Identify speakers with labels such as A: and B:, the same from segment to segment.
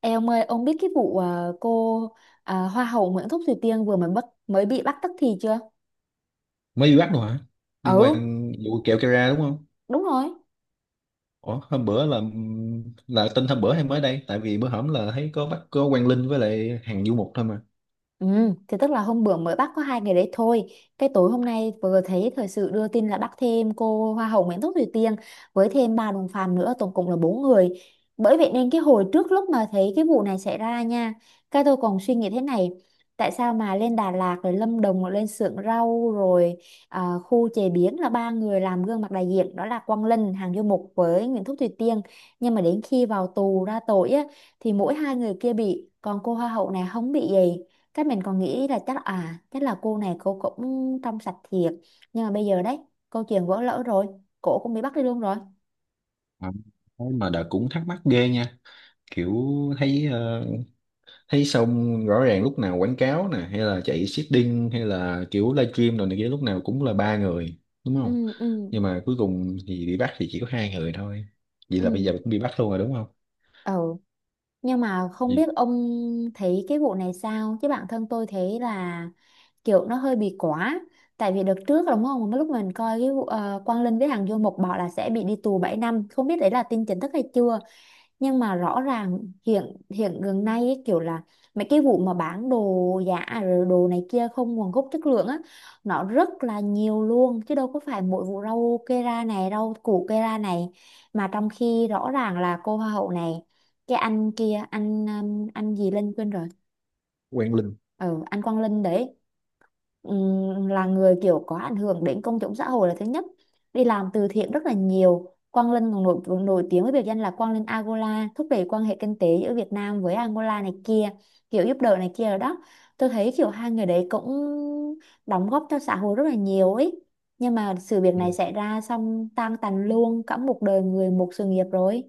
A: Ê ông ơi, ông biết cái vụ cô Hoa hậu Nguyễn Thúc Thùy Tiên vừa mới bị bắt tức thì chưa?
B: Mới đi bắt luôn hả? Liên
A: Ừ,
B: quan vụ kẹo Kera đúng không?
A: đúng rồi.
B: Ủa, hôm bữa là tin hôm bữa hay mới đây? Tại vì bữa hổm là thấy có bắt có Quang Linh với lại hàng Du Mục thôi mà.
A: Ừ, thì tức là hôm bữa mới bắt có 2 ngày đấy thôi. Cái tối hôm nay vừa thấy thời sự đưa tin là bắt thêm cô Hoa hậu Nguyễn Thúc Thùy Tiên với thêm ba đồng phạm nữa, tổng cộng là bốn người. Bởi vậy nên cái hồi trước lúc mà thấy cái vụ này xảy ra nha, cái tôi còn suy nghĩ thế này, tại sao mà lên Đà Lạt rồi Lâm Đồng rồi lên xưởng rau rồi khu chế biến là ba người làm gương mặt đại diện đó là Quang Linh, Hằng Du Mục với Nguyễn Thúc Thùy Tiên. Nhưng mà đến khi vào tù ra tội á thì mỗi hai người kia bị, còn cô Hoa hậu này không bị gì, cái mình còn nghĩ là chắc chắc là cô này cô cũng trong sạch thiệt. Nhưng mà bây giờ đấy câu chuyện vỡ lỡ rồi, cổ cũng bị bắt đi luôn rồi.
B: À, thế mà đã cũng thắc mắc ghê nha. Kiểu thấy ờ, thấy xong rõ ràng lúc nào quảng cáo nè hay là chạy seeding hay là kiểu livestream rồi này kia lúc nào cũng là ba người, đúng không?
A: Ừ, ừ,
B: Nhưng mà cuối cùng thì bị bắt thì chỉ có hai người thôi. Vậy
A: ừ,
B: là bây giờ cũng bị bắt luôn rồi, đúng không?
A: ừ. Nhưng mà không biết
B: Vì
A: ông thấy cái vụ này sao chứ bản thân tôi thấy là kiểu nó hơi bị quá. Tại vì đợt trước đúng không, lúc mình coi cái vụ Quang Linh với hàng Du Mục bảo là sẽ bị đi tù 7 năm, không biết đấy là tin chính thức hay chưa. Nhưng mà rõ ràng hiện hiện gần nay ấy, kiểu là mấy cái vụ mà bán đồ giả à, rồi đồ này kia không nguồn gốc chất lượng á, nó rất là nhiều luôn chứ đâu có phải mỗi vụ rau kê ra này rau củ kê ra này. Mà trong khi rõ ràng là cô hoa hậu này cái anh kia anh gì Linh quên rồi.
B: Quang Linh.
A: Ừ, anh Quang Linh đấy. Là người kiểu có ảnh hưởng đến công chúng xã hội là thứ nhất, đi làm từ thiện rất là nhiều. Quang Linh còn nổi tiếng với biệt danh là Quang Linh Angola, thúc đẩy quan hệ kinh tế giữa Việt Nam với Angola này kia, kiểu giúp đỡ này kia rồi đó. Tôi thấy kiểu hai người đấy cũng đóng góp cho xã hội rất là nhiều ấy, nhưng mà sự việc này xảy ra xong tan tành luôn cả một đời người, một sự nghiệp rồi.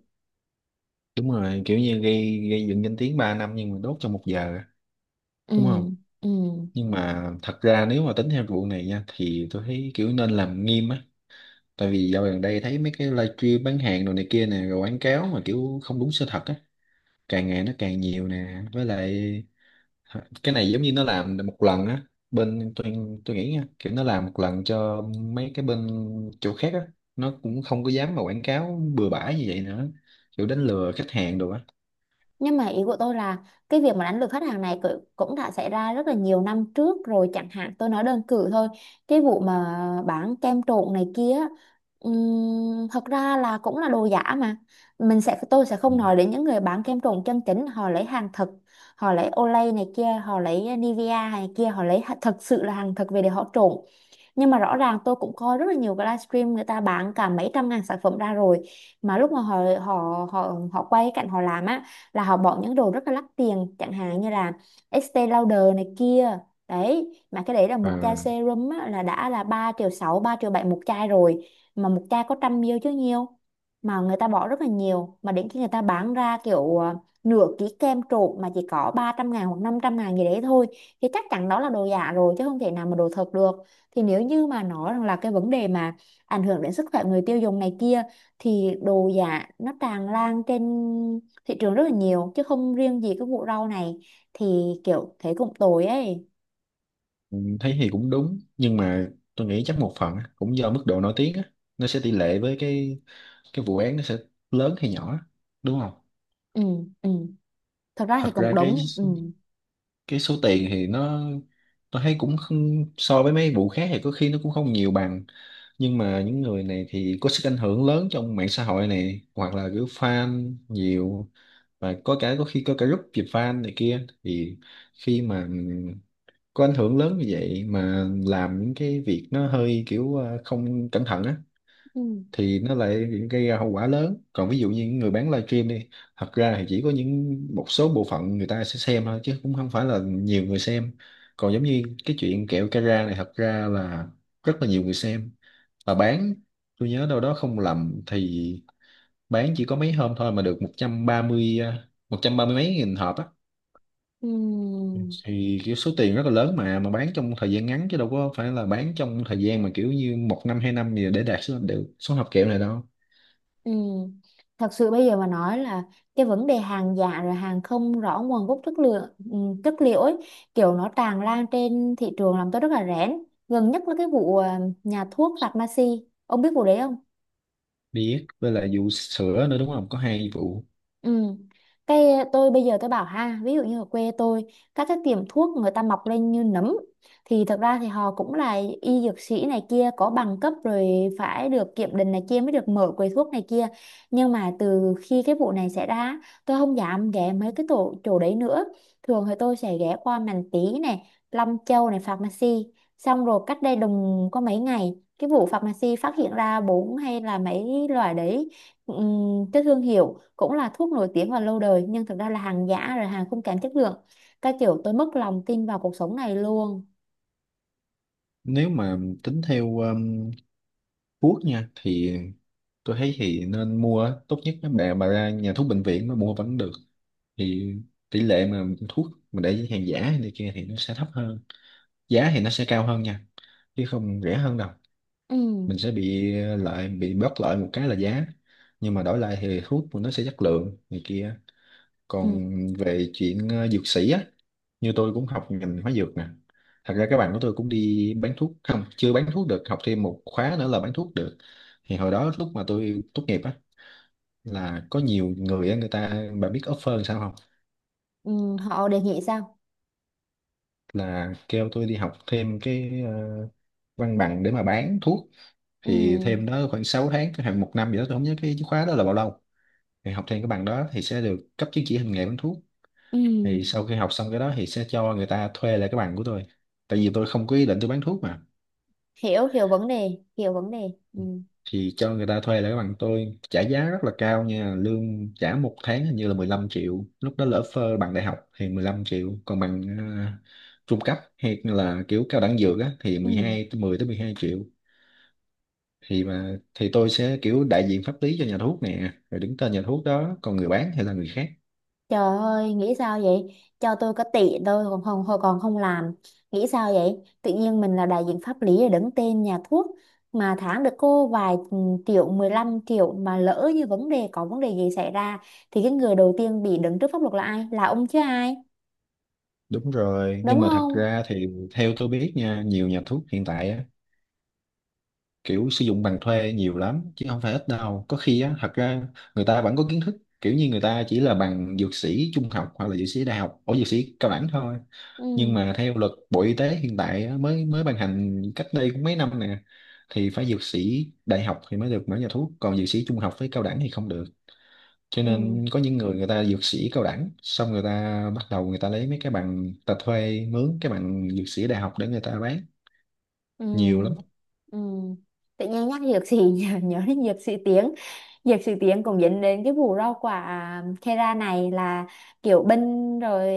B: Đúng rồi, kiểu như gây gây dựng danh tiếng 3 năm nhưng mà đốt trong 1 giờ,
A: Ừ,
B: đúng không?
A: ừ.
B: Nhưng mà thật ra nếu mà tính theo vụ này nha thì tôi thấy kiểu nên làm nghiêm á. Tại vì dạo gần đây thấy mấy cái livestream bán hàng đồ này kia nè rồi quảng cáo mà kiểu không đúng sự thật á, càng ngày nó càng nhiều nè, với lại cái này giống như nó làm một lần á. Bên tôi nghĩ nha, kiểu nó làm một lần cho mấy cái bên chỗ khác á, nó cũng không có dám mà quảng cáo bừa bãi như vậy nữa, kiểu đánh lừa khách hàng đồ á.
A: Nhưng mà ý của tôi là cái việc mà đánh lừa khách hàng này cũng đã xảy ra rất là nhiều năm trước rồi, chẳng hạn tôi nói đơn cử thôi cái vụ mà bán kem trộn này kia. Thật ra là cũng là đồ giả mà. Mình sẽ tôi sẽ không nói đến những người bán kem trộn chân chính, họ lấy hàng thật, họ lấy Olay này kia, họ lấy Nivea này kia, họ lấy thật sự là hàng thật về để họ trộn. Nhưng mà rõ ràng tôi cũng coi rất là nhiều cái livestream người ta bán cả mấy trăm ngàn sản phẩm ra rồi, mà lúc mà họ họ họ họ quay cái cảnh họ làm á là họ bỏ những đồ rất là đắt tiền chẳng hạn như là Estee Lauder này kia. Đấy mà cái đấy là một chai
B: Ừ.
A: serum á, là đã là 3,6 triệu, 3,7 triệu một chai rồi, mà một chai có 100 ml chứ nhiều, mà người ta bỏ rất là nhiều. Mà đến khi người ta bán ra kiểu nửa ký kem trộn mà chỉ có 300.000 hoặc 500.000 gì đấy thôi, thì chắc chắn đó là đồ giả rồi chứ không thể nào mà đồ thật được. Thì nếu như mà nói rằng là cái vấn đề mà ảnh hưởng đến sức khỏe người tiêu dùng này kia, thì đồ giả nó tràn lan trên thị trường rất là nhiều chứ không riêng gì cái vụ rau này, thì kiểu thế cũng tồi ấy.
B: Ừ, thấy thì cũng đúng nhưng mà tôi nghĩ chắc một phần á, cũng do mức độ nổi tiếng á, nó sẽ tỷ lệ với cái vụ án nó sẽ lớn hay nhỏ á, đúng không?
A: Ừ, ừ, thật ra thì
B: Thật ra
A: cũng
B: cái
A: đúng. Ừ,
B: cái số tiền thì nó tôi thấy cũng không, so với mấy vụ khác thì có khi nó cũng không nhiều bằng, nhưng mà những người này thì có sức ảnh hưởng lớn trong mạng xã hội này hoặc là kiểu fan nhiều, và có cả có khi có cả group dịp fan này kia thì khi mà có ảnh hưởng lớn như vậy mà làm những cái việc nó hơi kiểu không cẩn thận á
A: ừ,
B: thì nó lại gây ra hậu quả lớn. Còn ví dụ như những người bán livestream đi, thật ra thì chỉ có những một số bộ phận người ta sẽ xem thôi chứ cũng không phải là nhiều người xem. Còn giống như cái chuyện kẹo Cara này thật ra là rất là nhiều người xem và bán, tôi nhớ đâu đó không lầm thì bán chỉ có mấy hôm thôi mà được một 130 à, 130 mấy nghìn hộp á,
A: ừ,
B: thì kiểu số tiền rất là lớn mà bán trong thời gian ngắn chứ đâu có phải là bán trong thời gian mà kiểu như 1 năm 2 năm gì để đạt số đều số hộp kẹo này đâu.
A: ừ. Thật sự bây giờ mà nói là cái vấn đề hàng giả rồi hàng không rõ nguồn gốc chất lượng, ừ, chất liệu ấy, kiểu nó tràn lan trên thị trường làm tôi rất là rén. Gần nhất là cái vụ nhà thuốc Pharmacy, ông biết vụ đấy không?
B: Biết, với lại vụ sữa nữa đúng không, có hai vụ.
A: Ừ. Cái tôi bây giờ tôi bảo ha, ví dụ như ở quê tôi, các cái tiệm thuốc người ta mọc lên như nấm thì thật ra thì họ cũng là y dược sĩ này kia có bằng cấp rồi, phải được kiểm định này kia mới được mở quầy thuốc này kia. Nhưng mà từ khi cái vụ này xảy ra, tôi không dám ghé mấy cái tổ chỗ đấy nữa. Thường thì tôi sẽ ghé qua Màn tý này, Long Châu này, Pharmacy. Xong rồi cách đây đùng có mấy ngày, cái vụ Pharmacy phát hiện ra bốn hay là mấy loại đấy, cái thương hiệu cũng là thuốc nổi tiếng và lâu đời nhưng thực ra là hàng giả rồi hàng không kém chất lượng. Cái kiểu tôi mất lòng tin vào cuộc sống này luôn.
B: Nếu mà tính theo thuốc nha thì tôi thấy thì nên mua á. Tốt nhất mấy bạn bà ra nhà thuốc bệnh viện mà mua vẫn được, thì tỷ lệ mà thuốc mà để hàng giả này kia thì nó sẽ thấp hơn, giá thì nó sẽ cao hơn nha, chứ không rẻ hơn đâu.
A: Ừ,
B: Mình sẽ bị lại bị bớt lại một cái là giá, nhưng mà đổi lại thì thuốc của nó sẽ chất lượng này kia.
A: ừ,
B: Còn về chuyện dược sĩ á, như tôi cũng học ngành hóa dược nè, thật ra các bạn của tôi cũng đi bán thuốc, không chưa bán thuốc được, học thêm một khóa nữa là bán thuốc được. Thì hồi đó lúc mà tôi tốt nghiệp á, là có nhiều người á, người ta, bạn biết offer làm sao không?
A: ừ. Họ đề nghị sao?
B: Là kêu tôi đi học thêm cái văn bằng để mà bán thuốc,
A: Ừ,
B: thì thêm đó khoảng 6 tháng khoảng 1 năm gì đó tôi không nhớ cái khóa đó là bao lâu. Thì học thêm cái bằng đó thì sẽ được cấp chứng chỉ hành nghề bán thuốc, thì
A: ừ.
B: sau khi học xong cái đó thì sẽ cho người ta thuê lại cái bằng của tôi, tại vì tôi không có ý định tôi bán thuốc mà.
A: Hiểu hiểu vấn đề, hiểu vấn đề. Ừ,
B: Thì cho người ta thuê lại cái bằng tôi trả giá rất là cao nha, lương trả 1 tháng hình như là 15 triệu lúc đó, lỡ phơ bằng đại học thì 15 triệu, còn bằng trung cấp hay là kiểu cao đẳng dược á thì mười
A: ừ.
B: hai tới mười tới mười hai triệu Thì tôi sẽ kiểu đại diện pháp lý cho nhà thuốc nè rồi đứng tên nhà thuốc đó, còn người bán thì là người khác.
A: Trời ơi, nghĩ sao vậy? Cho tôi có tỷ thôi còn không, hồi còn không làm. Nghĩ sao vậy? Tự nhiên mình là đại diện pháp lý để đứng tên nhà thuốc mà tháng được cô vài, ừ, triệu, 15 triệu, mà lỡ như vấn đề có vấn đề gì xảy ra thì cái người đầu tiên bị đứng trước pháp luật là ai? Là ông chứ ai?
B: Đúng rồi, nhưng
A: Đúng
B: mà thật
A: không?
B: ra thì theo tôi biết nha, nhiều nhà thuốc hiện tại á, kiểu sử dụng bằng thuê nhiều lắm, chứ không phải ít đâu. Có khi á, thật ra người ta vẫn có kiến thức, kiểu như người ta chỉ là bằng dược sĩ trung học hoặc là dược sĩ đại học, ở dược sĩ cao đẳng thôi.
A: Ừ.
B: Nhưng mà theo luật Bộ Y tế hiện tại á, mới mới ban hành cách đây cũng mấy năm nè, thì phải dược sĩ đại học thì mới được mở nhà thuốc, còn dược sĩ trung học với cao đẳng thì không được, cho
A: Ừ.
B: nên có những người người ta dược sĩ cao đẳng xong người ta bắt đầu người ta lấy mấy cái bằng ta thuê mướn cái bằng dược sĩ đại học để người ta bán
A: Ừ.
B: nhiều lắm.
A: Ừ. Tự nhiên nhắc dược sĩ nhớ đến dược sĩ tiếng cũng dẫn đến cái vụ rau quả Kera này là kiểu binh rồi,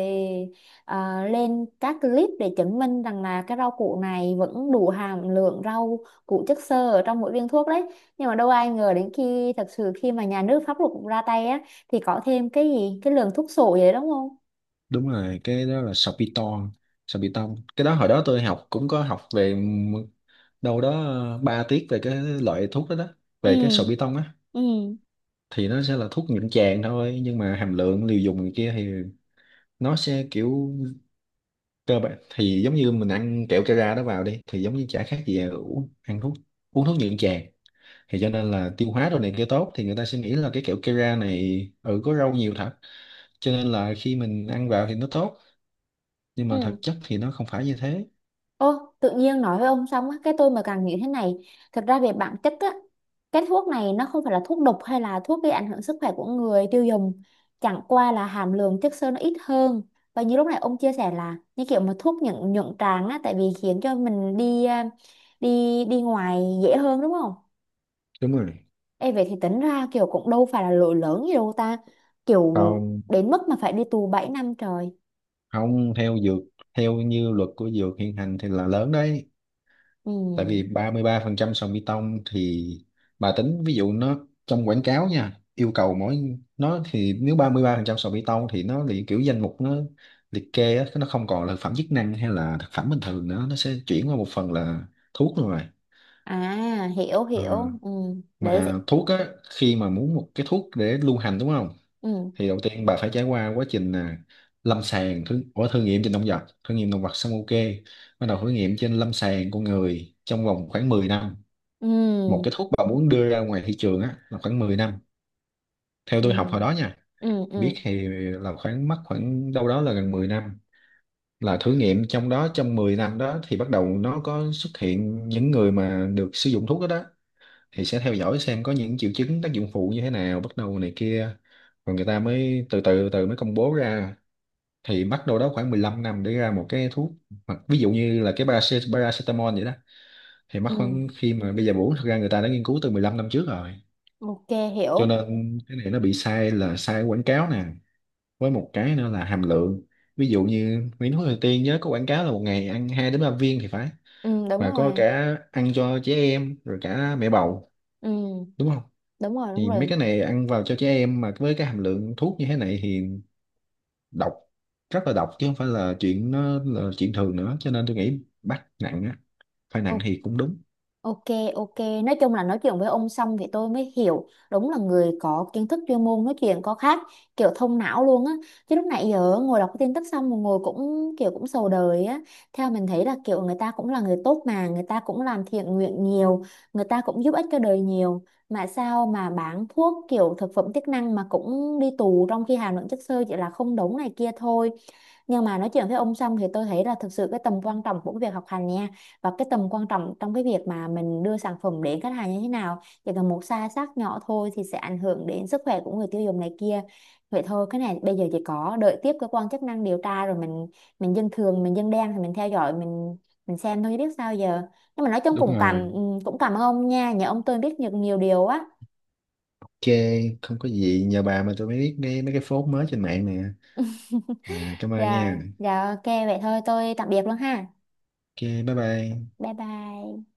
A: lên các clip để chứng minh rằng là cái rau củ này vẫn đủ hàm lượng rau củ chất xơ ở trong mỗi viên thuốc đấy. Nhưng mà đâu ai ngờ đến khi thật sự khi mà nhà nước pháp luật cũng ra tay á thì có thêm cái gì cái lượng thuốc sổ vậy đúng không?
B: Đúng rồi, cái đó là sorbitol, sorbitol. Cái đó hồi đó tôi học cũng có học về đâu đó 3 tiết về cái loại thuốc đó đó, về cái
A: Ừ,
B: sorbitol á,
A: ừ.
B: thì nó sẽ là thuốc nhuận tràng thôi nhưng mà hàm lượng liều dùng này kia thì nó sẽ kiểu cơ bản thì giống như mình ăn kẹo Cara đó vào đi thì giống như chả khác gì là uống ăn thuốc uống thuốc nhuận tràng, thì cho nên là tiêu hóa đồ này kia tốt thì người ta sẽ nghĩ là cái kẹo Kera này có rau nhiều thật, cho nên là khi mình ăn vào thì nó tốt, nhưng mà
A: Ừ.
B: thực chất thì nó không phải như thế.
A: Ô, tự nhiên nói với ông xong á, cái tôi mà càng nghĩ thế này, thật ra về bản chất á, cái thuốc này nó không phải là thuốc độc hay là thuốc gây ảnh hưởng sức khỏe của người tiêu dùng, chẳng qua là hàm lượng chất xơ nó ít hơn. Và như lúc này ông chia sẻ là như kiểu mà thuốc nhuận nhuận tràng á, tại vì khiến cho mình đi đi ngoài dễ hơn đúng không?
B: Đúng rồi.
A: Ê vậy thì tính ra kiểu cũng đâu phải là lỗi lớn gì đâu ta, kiểu
B: Không,
A: đến mức mà phải đi tù 7 năm trời.
B: không, theo dược, theo như luật của dược hiện hành thì là lớn đấy,
A: Ừ.
B: tại vì ba ba mươi ba phần trăm sàn bê tông thì bà tính ví dụ nó trong quảng cáo nha yêu cầu mỗi nó thì nếu ba ba mươi ba phần trăm sàn bê tông thì nó liệt kiểu danh mục nó liệt kê á, nó không còn là thực phẩm chức năng hay là thực phẩm bình thường nữa, nó sẽ chuyển qua một phần là thuốc luôn rồi.
A: À, hiểu
B: Ờ,
A: hiểu. Ừ. Đấy vậy.
B: mà thuốc á khi mà muốn một cái thuốc để lưu hành đúng không,
A: Ừ.
B: thì đầu tiên bà phải trải qua quá trình là lâm sàng thử, ủa, thử nghiệm trên động vật, thử nghiệm động vật xong ok, bắt đầu thử nghiệm trên lâm sàng con người trong vòng khoảng 10 năm. Một cái
A: Ừ,
B: thuốc mà muốn đưa ra ngoài thị trường á là khoảng 10 năm, theo
A: ừ,
B: tôi học hồi đó nha,
A: ừ,
B: biết
A: ừ,
B: thì là mất khoảng đâu đó là gần 10 năm, là thử nghiệm trong đó, trong 10 năm đó thì bắt đầu nó có xuất hiện những người mà được sử dụng thuốc đó đó, thì sẽ theo dõi xem có những triệu chứng tác dụng phụ như thế nào bắt đầu này kia, rồi người ta mới từ từ từ mới công bố ra, thì mất đâu đó khoảng 15 năm để ra một cái thuốc. Hoặc ví dụ như là cái paracetamol vậy đó, thì mất
A: ừ,
B: khoảng khi mà bây giờ uống thực ra người ta đã nghiên cứu từ 15 năm trước rồi,
A: ok,
B: cho
A: hiểu.
B: nên cái này nó bị sai là sai quảng cáo nè, với một cái nữa là hàm lượng, ví dụ như Nguyễn Hữu Thời Tiên nhớ có quảng cáo là 1 ngày ăn 2 đến 3 viên thì phải,
A: Ừ, đúng
B: và có
A: rồi.
B: cả ăn cho trẻ em rồi cả mẹ bầu,
A: Ừ,
B: đúng không?
A: đúng rồi, đúng
B: Thì mấy
A: rồi.
B: cái này ăn vào cho trẻ em mà với cái hàm lượng thuốc như thế này thì độc, rất là độc chứ không phải là chuyện nó là chuyện thường nữa, cho nên tôi nghĩ bắt nặng á, phải nặng
A: Ô-
B: thì cũng đúng.
A: Ok, ok. Nói chung là nói chuyện với ông xong thì tôi mới hiểu đúng là người có kiến thức chuyên môn nói chuyện có khác, kiểu thông não luôn á. Chứ lúc nãy giờ ngồi đọc cái tin tức xong mà ngồi cũng kiểu cũng sầu đời á. Theo mình thấy là kiểu người ta cũng là người tốt mà, người ta cũng làm thiện nguyện nhiều, người ta cũng giúp ích cho đời nhiều. Mà sao mà bán thuốc kiểu thực phẩm chức năng mà cũng đi tù trong khi hàm lượng chất xơ chỉ là không đúng này kia thôi. Nhưng mà nói chuyện với ông xong thì tôi thấy là thực sự cái tầm quan trọng của cái việc học hành nha và cái tầm quan trọng trong cái việc mà mình đưa sản phẩm đến khách hàng như thế nào, chỉ cần một sai sót nhỏ thôi thì sẽ ảnh hưởng đến sức khỏe của người tiêu dùng này kia. Vậy thôi, cái này bây giờ chỉ có đợi tiếp cơ quan chức năng điều tra rồi mình dân thường mình dân đen thì mình theo dõi mình xem thôi chứ biết sao giờ. Nhưng mà nói chung
B: Đúng
A: cũng
B: rồi,
A: cũng cảm ơn ông nha, nhờ ông tôi biết được nhiều điều á.
B: ok, không có gì, nhờ bà mà tôi mới biết nghe mấy cái phốt mới trên mạng nè. À, cảm ơn
A: Dạ
B: nha.
A: dạ ok, vậy thôi tôi tạm biệt luôn ha.
B: Ok, bye bye.
A: Bye bye.